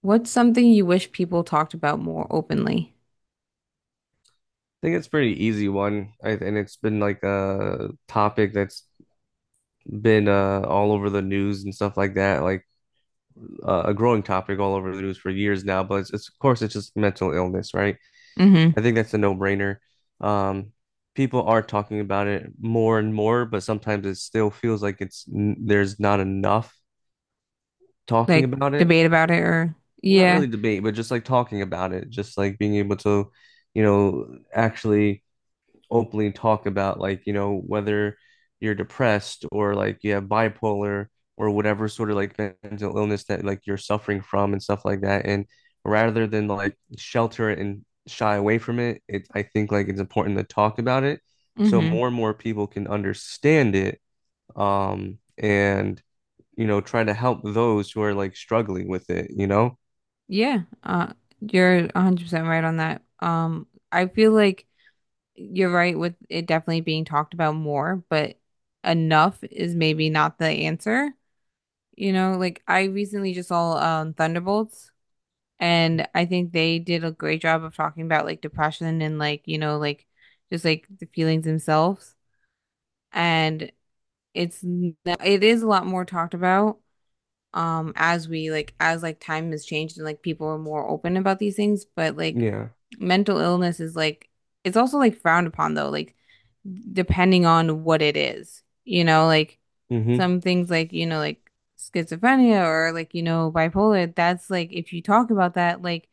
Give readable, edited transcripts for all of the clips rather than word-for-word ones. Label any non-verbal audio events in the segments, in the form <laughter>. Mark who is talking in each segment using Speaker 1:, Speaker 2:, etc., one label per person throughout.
Speaker 1: What's something you wish people talked about more openly?
Speaker 2: Think it's pretty easy one. And it's been like a topic that's been all over the news and stuff like that, like a growing topic all over the news for years now. But it's of course it's just mental illness, right?
Speaker 1: Mm-hmm.
Speaker 2: I think that's a no-brainer. Um, People are talking about it more and more, but sometimes it still feels like there's not enough talking
Speaker 1: Like
Speaker 2: about it.
Speaker 1: debate about it or
Speaker 2: Not
Speaker 1: yeah.
Speaker 2: really debate, but just like talking about it, just like being able to, actually openly talk about like, whether you're depressed or like you have bipolar or whatever sort of like mental illness that like you're suffering from and stuff like that. And rather than like shelter it and shy away from it, I think like it's important to talk about it so
Speaker 1: Mm-hmm.
Speaker 2: more and more people can understand it. And try to help those who are like struggling with it, you know?
Speaker 1: Yeah. You're 100% right on that. I feel like you're right with it definitely being talked about more, but enough is maybe not the answer. You know, like I recently just saw Thunderbolts, and I think they did a great job of talking about like depression and, like, you know, like just like the feelings themselves. And it is a lot more talked about, as we like as like time has changed and like people are more open about these things, but like
Speaker 2: Yeah.
Speaker 1: mental illness is like it's also like frowned upon though, like depending on what it is. You know, like
Speaker 2: Mm-hmm.
Speaker 1: some things like, you know, like schizophrenia or, like, you know, bipolar, that's like if you talk about that, like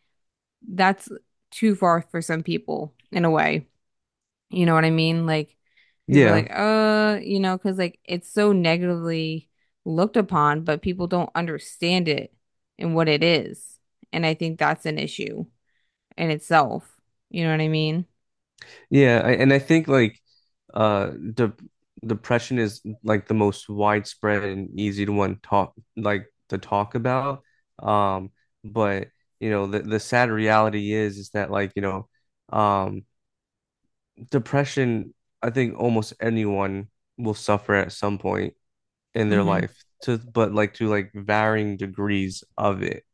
Speaker 1: that's too far for some people in a way. You know what I mean? Like people are like,
Speaker 2: Yeah.
Speaker 1: you know, because like it's so negatively looked upon, but people don't understand it and what it is. And I think that's an issue in itself. You know what I mean?
Speaker 2: Yeah, and I think like uh de depression is like the most widespread and easy to talk about. Um, but the sad reality is that like um depression I think almost anyone will suffer at some point in their
Speaker 1: Mm-hmm.
Speaker 2: life to but like to like varying degrees of it.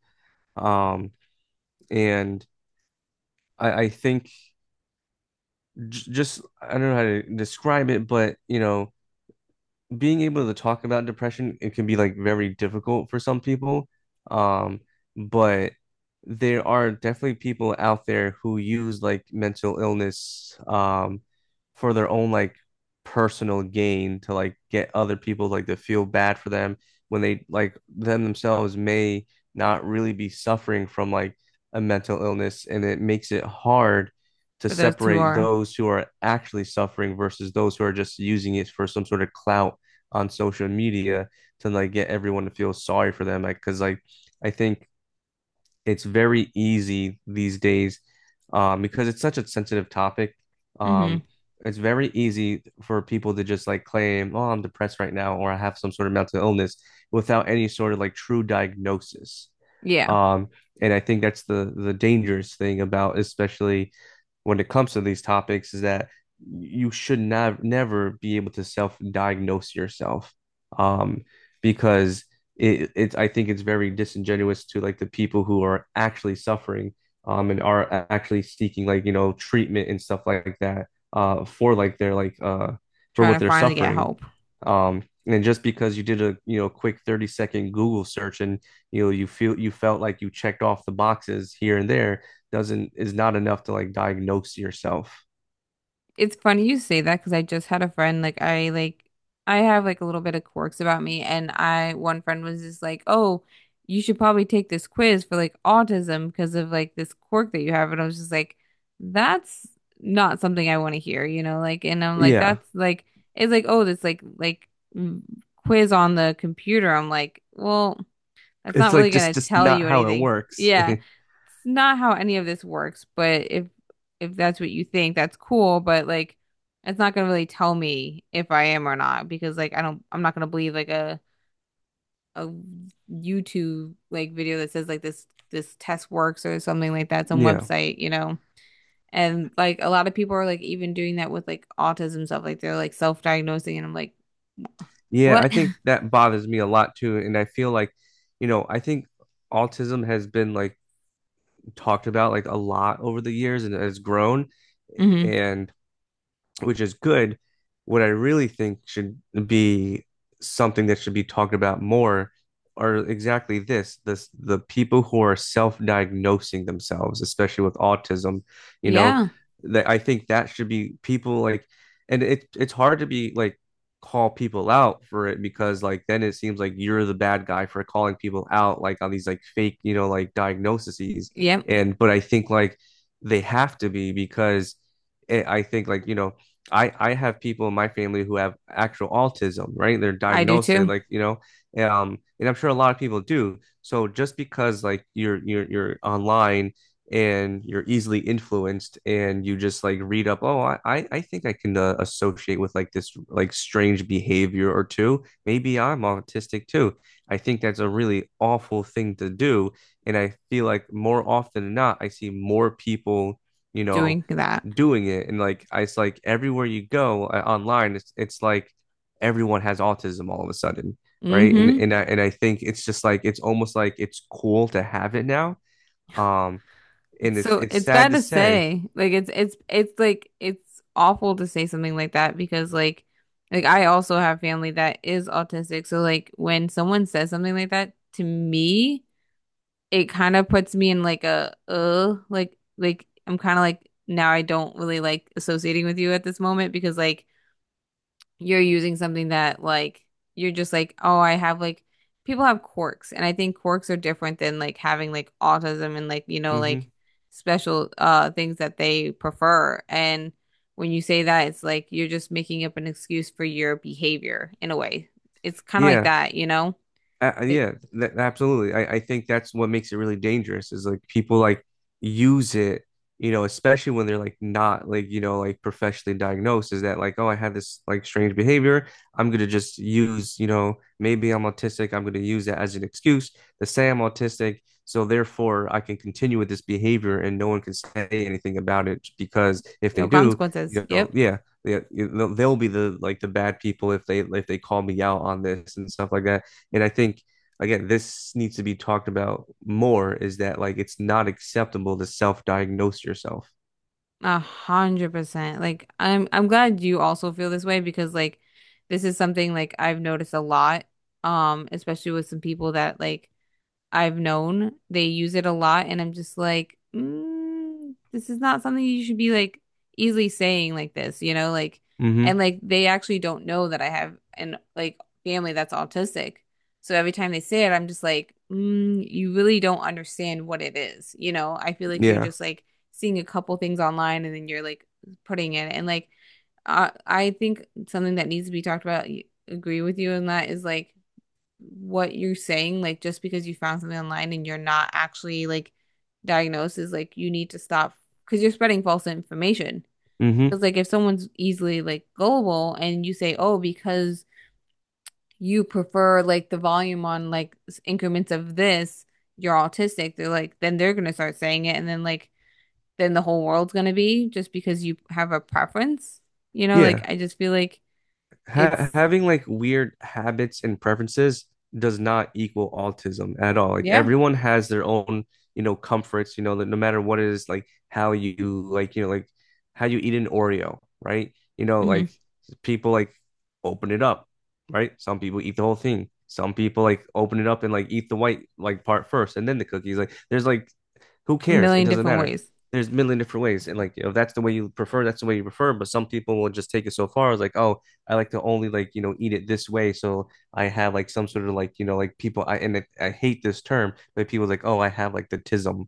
Speaker 2: Um, and I think j just I don't know how to describe it, but being able to talk about depression, it can be like very difficult for some people. Um, but there are definitely people out there who use like mental illness for their own like personal gain to like get other people like to feel bad for them when they like them themselves may not really be suffering from like a mental illness and it makes it hard to
Speaker 1: For those who
Speaker 2: separate
Speaker 1: are,
Speaker 2: those who are actually suffering versus those who are just using it for some sort of clout on social media to like get everyone to feel sorry for them. Like, cause like I think it's very easy these days, because it's such a sensitive topic.
Speaker 1: mm-hmm.
Speaker 2: Um, it's very easy for people to just like claim, "Oh, I'm depressed right now," or "I have some sort of mental illness," without any sort of like true diagnosis.
Speaker 1: Yeah,
Speaker 2: Um, and I think that's the dangerous thing about, especially when it comes to these topics, is that you should not never be able to self-diagnose yourself, um, because it's I think it's very disingenuous to like the people who are actually suffering and are actually seeking like treatment and stuff like that for like their like for what
Speaker 1: trying to
Speaker 2: they're
Speaker 1: finally get
Speaker 2: suffering
Speaker 1: help.
Speaker 2: and just because you did a quick 30-second Google search and you felt like you checked off the boxes here and there doesn't is not enough to like diagnose yourself.
Speaker 1: It's funny you say that because I just had a friend like I have like a little bit of quirks about me, and I one friend was just like, "Oh, you should probably take this quiz for like autism because of like this quirk that you have." And I was just like, "That's not something I want to hear," you know, like and I'm like
Speaker 2: Yeah,
Speaker 1: that's like it's like, "Oh, this like mm, quiz on the computer." I'm like, "Well, that's not
Speaker 2: it's
Speaker 1: really
Speaker 2: like
Speaker 1: gonna
Speaker 2: just
Speaker 1: tell
Speaker 2: not
Speaker 1: you
Speaker 2: how it
Speaker 1: anything."
Speaker 2: works.
Speaker 1: Yeah, it's not how any of this works, but if that's what you think, that's cool, but like it's not gonna really tell me if I am or not because I'm not gonna believe like a YouTube like video that says like this test works or something like that, some
Speaker 2: <laughs> Yeah.
Speaker 1: website, you know. And like a lot of people are like even doing that with like autism stuff, like they're like self-diagnosing, and I'm like,
Speaker 2: Yeah, I
Speaker 1: what?
Speaker 2: think
Speaker 1: <laughs>
Speaker 2: that bothers me a lot too. And I feel like, I think autism has been like talked about like a lot over the years and has grown.
Speaker 1: hmm
Speaker 2: And which is good. What I really think should be something that should be talked about more are exactly this, the people who are self-diagnosing themselves, especially with autism, you know,
Speaker 1: Yeah.
Speaker 2: that I think that should be people like, and it's hard to be like call people out for it because like then it seems like you're the bad guy for calling people out like on these like fake like diagnoses.
Speaker 1: Yep.
Speaker 2: And but I think like they have to be because I think like I have people in my family who have actual autism, right? They're
Speaker 1: I do
Speaker 2: diagnosed, they
Speaker 1: too.
Speaker 2: like, and I'm sure a lot of people do. So just because like you're online and you're easily influenced and you just like read up, oh, I think I can associate with like this like strange behavior or two. Maybe I'm autistic too. I think that's a really awful thing to do, and I feel like more often than not, I see more people, you know
Speaker 1: Doing that.
Speaker 2: doing it, and like it's like everywhere you go online, it's like everyone has autism all of a sudden, right. and
Speaker 1: Hmm
Speaker 2: and I, and I think it's just like it's almost like it's cool to have it now, um and it's
Speaker 1: So
Speaker 2: it's
Speaker 1: it's
Speaker 2: sad
Speaker 1: bad
Speaker 2: to
Speaker 1: to
Speaker 2: say.
Speaker 1: say. Like it's like it's awful to say something like that because like I also have family that is autistic. So like when someone says something like that to me, it kind of puts me in like a like I'm kind of like, now I don't really like associating with you at this moment because like you're using something that like you're just like, oh, I have like people have quirks, and I think quirks are different than like having like autism and like, you know, like
Speaker 2: Hmm.
Speaker 1: special things that they prefer. And when you say that, it's like you're just making up an excuse for your behavior in a way. It's kind of like
Speaker 2: Yeah.
Speaker 1: that, you know? Like,
Speaker 2: Yeah, absolutely. I think that's what makes it really dangerous is like people like use it, you know, especially when they're like not like, like professionally diagnosed, is that like, oh, I had this like strange behavior. I'm gonna just use, maybe I'm autistic. I'm gonna use that as an excuse to say I'm autistic. So therefore I can continue with this behavior and no one can say anything about it because if they
Speaker 1: no
Speaker 2: do,
Speaker 1: consequences. Yep.
Speaker 2: yeah. Yeah, they'll be the bad people if they call me out on this and stuff like that. And I think again, this needs to be talked about more is that like it's not acceptable to self-diagnose yourself.
Speaker 1: 100%. Like I'm glad you also feel this way because like this is something like I've noticed a lot, especially with some people that like I've known they use it a lot, and I'm just like, mm, this is not something you should be like easily saying like this, you know, like, and
Speaker 2: Mm-hmm.
Speaker 1: like they actually don't know that I have an like family that's autistic. So every time they say it, I'm just like, mm, you really don't understand what it is, you know. I feel like you're
Speaker 2: Yeah.
Speaker 1: just like seeing a couple things online, and then you're like putting it, and like, I think something that needs to be talked about. Agree with you on that is like what you're saying, like just because you found something online and you're not actually like diagnosed, is like you need to stop because you're spreading false information.
Speaker 2: Mm-hmm.
Speaker 1: Because like if someone's easily like gullible, and you say, oh, because you prefer like the volume on like increments of this, you're autistic, they're like, then they're gonna start saying it and then like then the whole world's gonna be just because you have a preference. You know, like
Speaker 2: Yeah.
Speaker 1: I just feel like
Speaker 2: ha
Speaker 1: it's
Speaker 2: having like weird habits and preferences does not equal autism at all. Like
Speaker 1: yeah,
Speaker 2: everyone has their own, comforts, that no matter what it is, like how you like, like how you eat an Oreo, right? You know,
Speaker 1: hmm
Speaker 2: like people like open it up, right? Some people eat the whole thing. Some people like open it up and like eat the white like part first and then the cookies. Like there's like, who
Speaker 1: a
Speaker 2: cares? It
Speaker 1: million
Speaker 2: doesn't
Speaker 1: different
Speaker 2: matter.
Speaker 1: ways.
Speaker 2: There's a million different ways. And like if that's the way you prefer, that's the way you prefer. But some people will just take it so far as like, oh, I like to only like, eat it this way. So I have like some sort of like, like people I hate this term, but people like, oh, I have like the tism.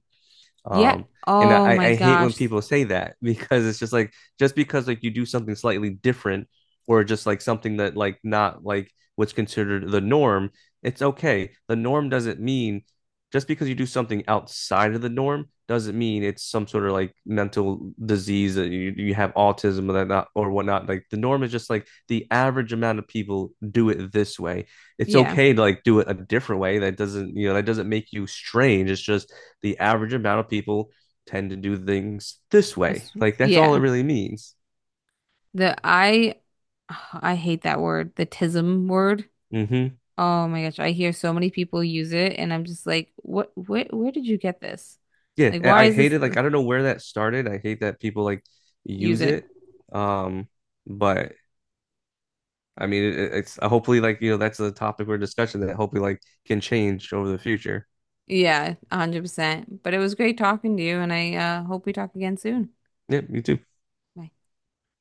Speaker 1: Yeah.
Speaker 2: Um, and
Speaker 1: Oh
Speaker 2: I,
Speaker 1: my
Speaker 2: I hate when
Speaker 1: gosh.
Speaker 2: people say that <laughs> because it's just like just because like you do something slightly different or just like something that like not like what's considered the norm, it's okay. The norm doesn't mean just because you do something outside of the norm doesn't mean it's some sort of like mental disease that you have autism or that not or whatnot. Like the norm is just like the average amount of people do it this way. It's
Speaker 1: Yeah.
Speaker 2: okay to like do it a different way. That doesn't make you strange. It's just the average amount of people tend to do things this
Speaker 1: I
Speaker 2: way.
Speaker 1: s-
Speaker 2: Like that's all
Speaker 1: yeah.
Speaker 2: it really means.
Speaker 1: The I <sighs> I hate that word, the tism word.
Speaker 2: Hmm.
Speaker 1: Oh my gosh, I hear so many people use it, and I'm just like, what, where did you get this?
Speaker 2: Yeah,
Speaker 1: Like why
Speaker 2: I
Speaker 1: is
Speaker 2: hate
Speaker 1: this
Speaker 2: it. Like I don't know where that started. I hate that people like
Speaker 1: use
Speaker 2: use
Speaker 1: it?
Speaker 2: it. Um, but I mean, it's hopefully like that's a topic we discussion that hopefully like can change over the future.
Speaker 1: Yeah, 100%. But it was great talking to you, and I hope we talk again soon.
Speaker 2: Yeah, me too.
Speaker 1: Bye.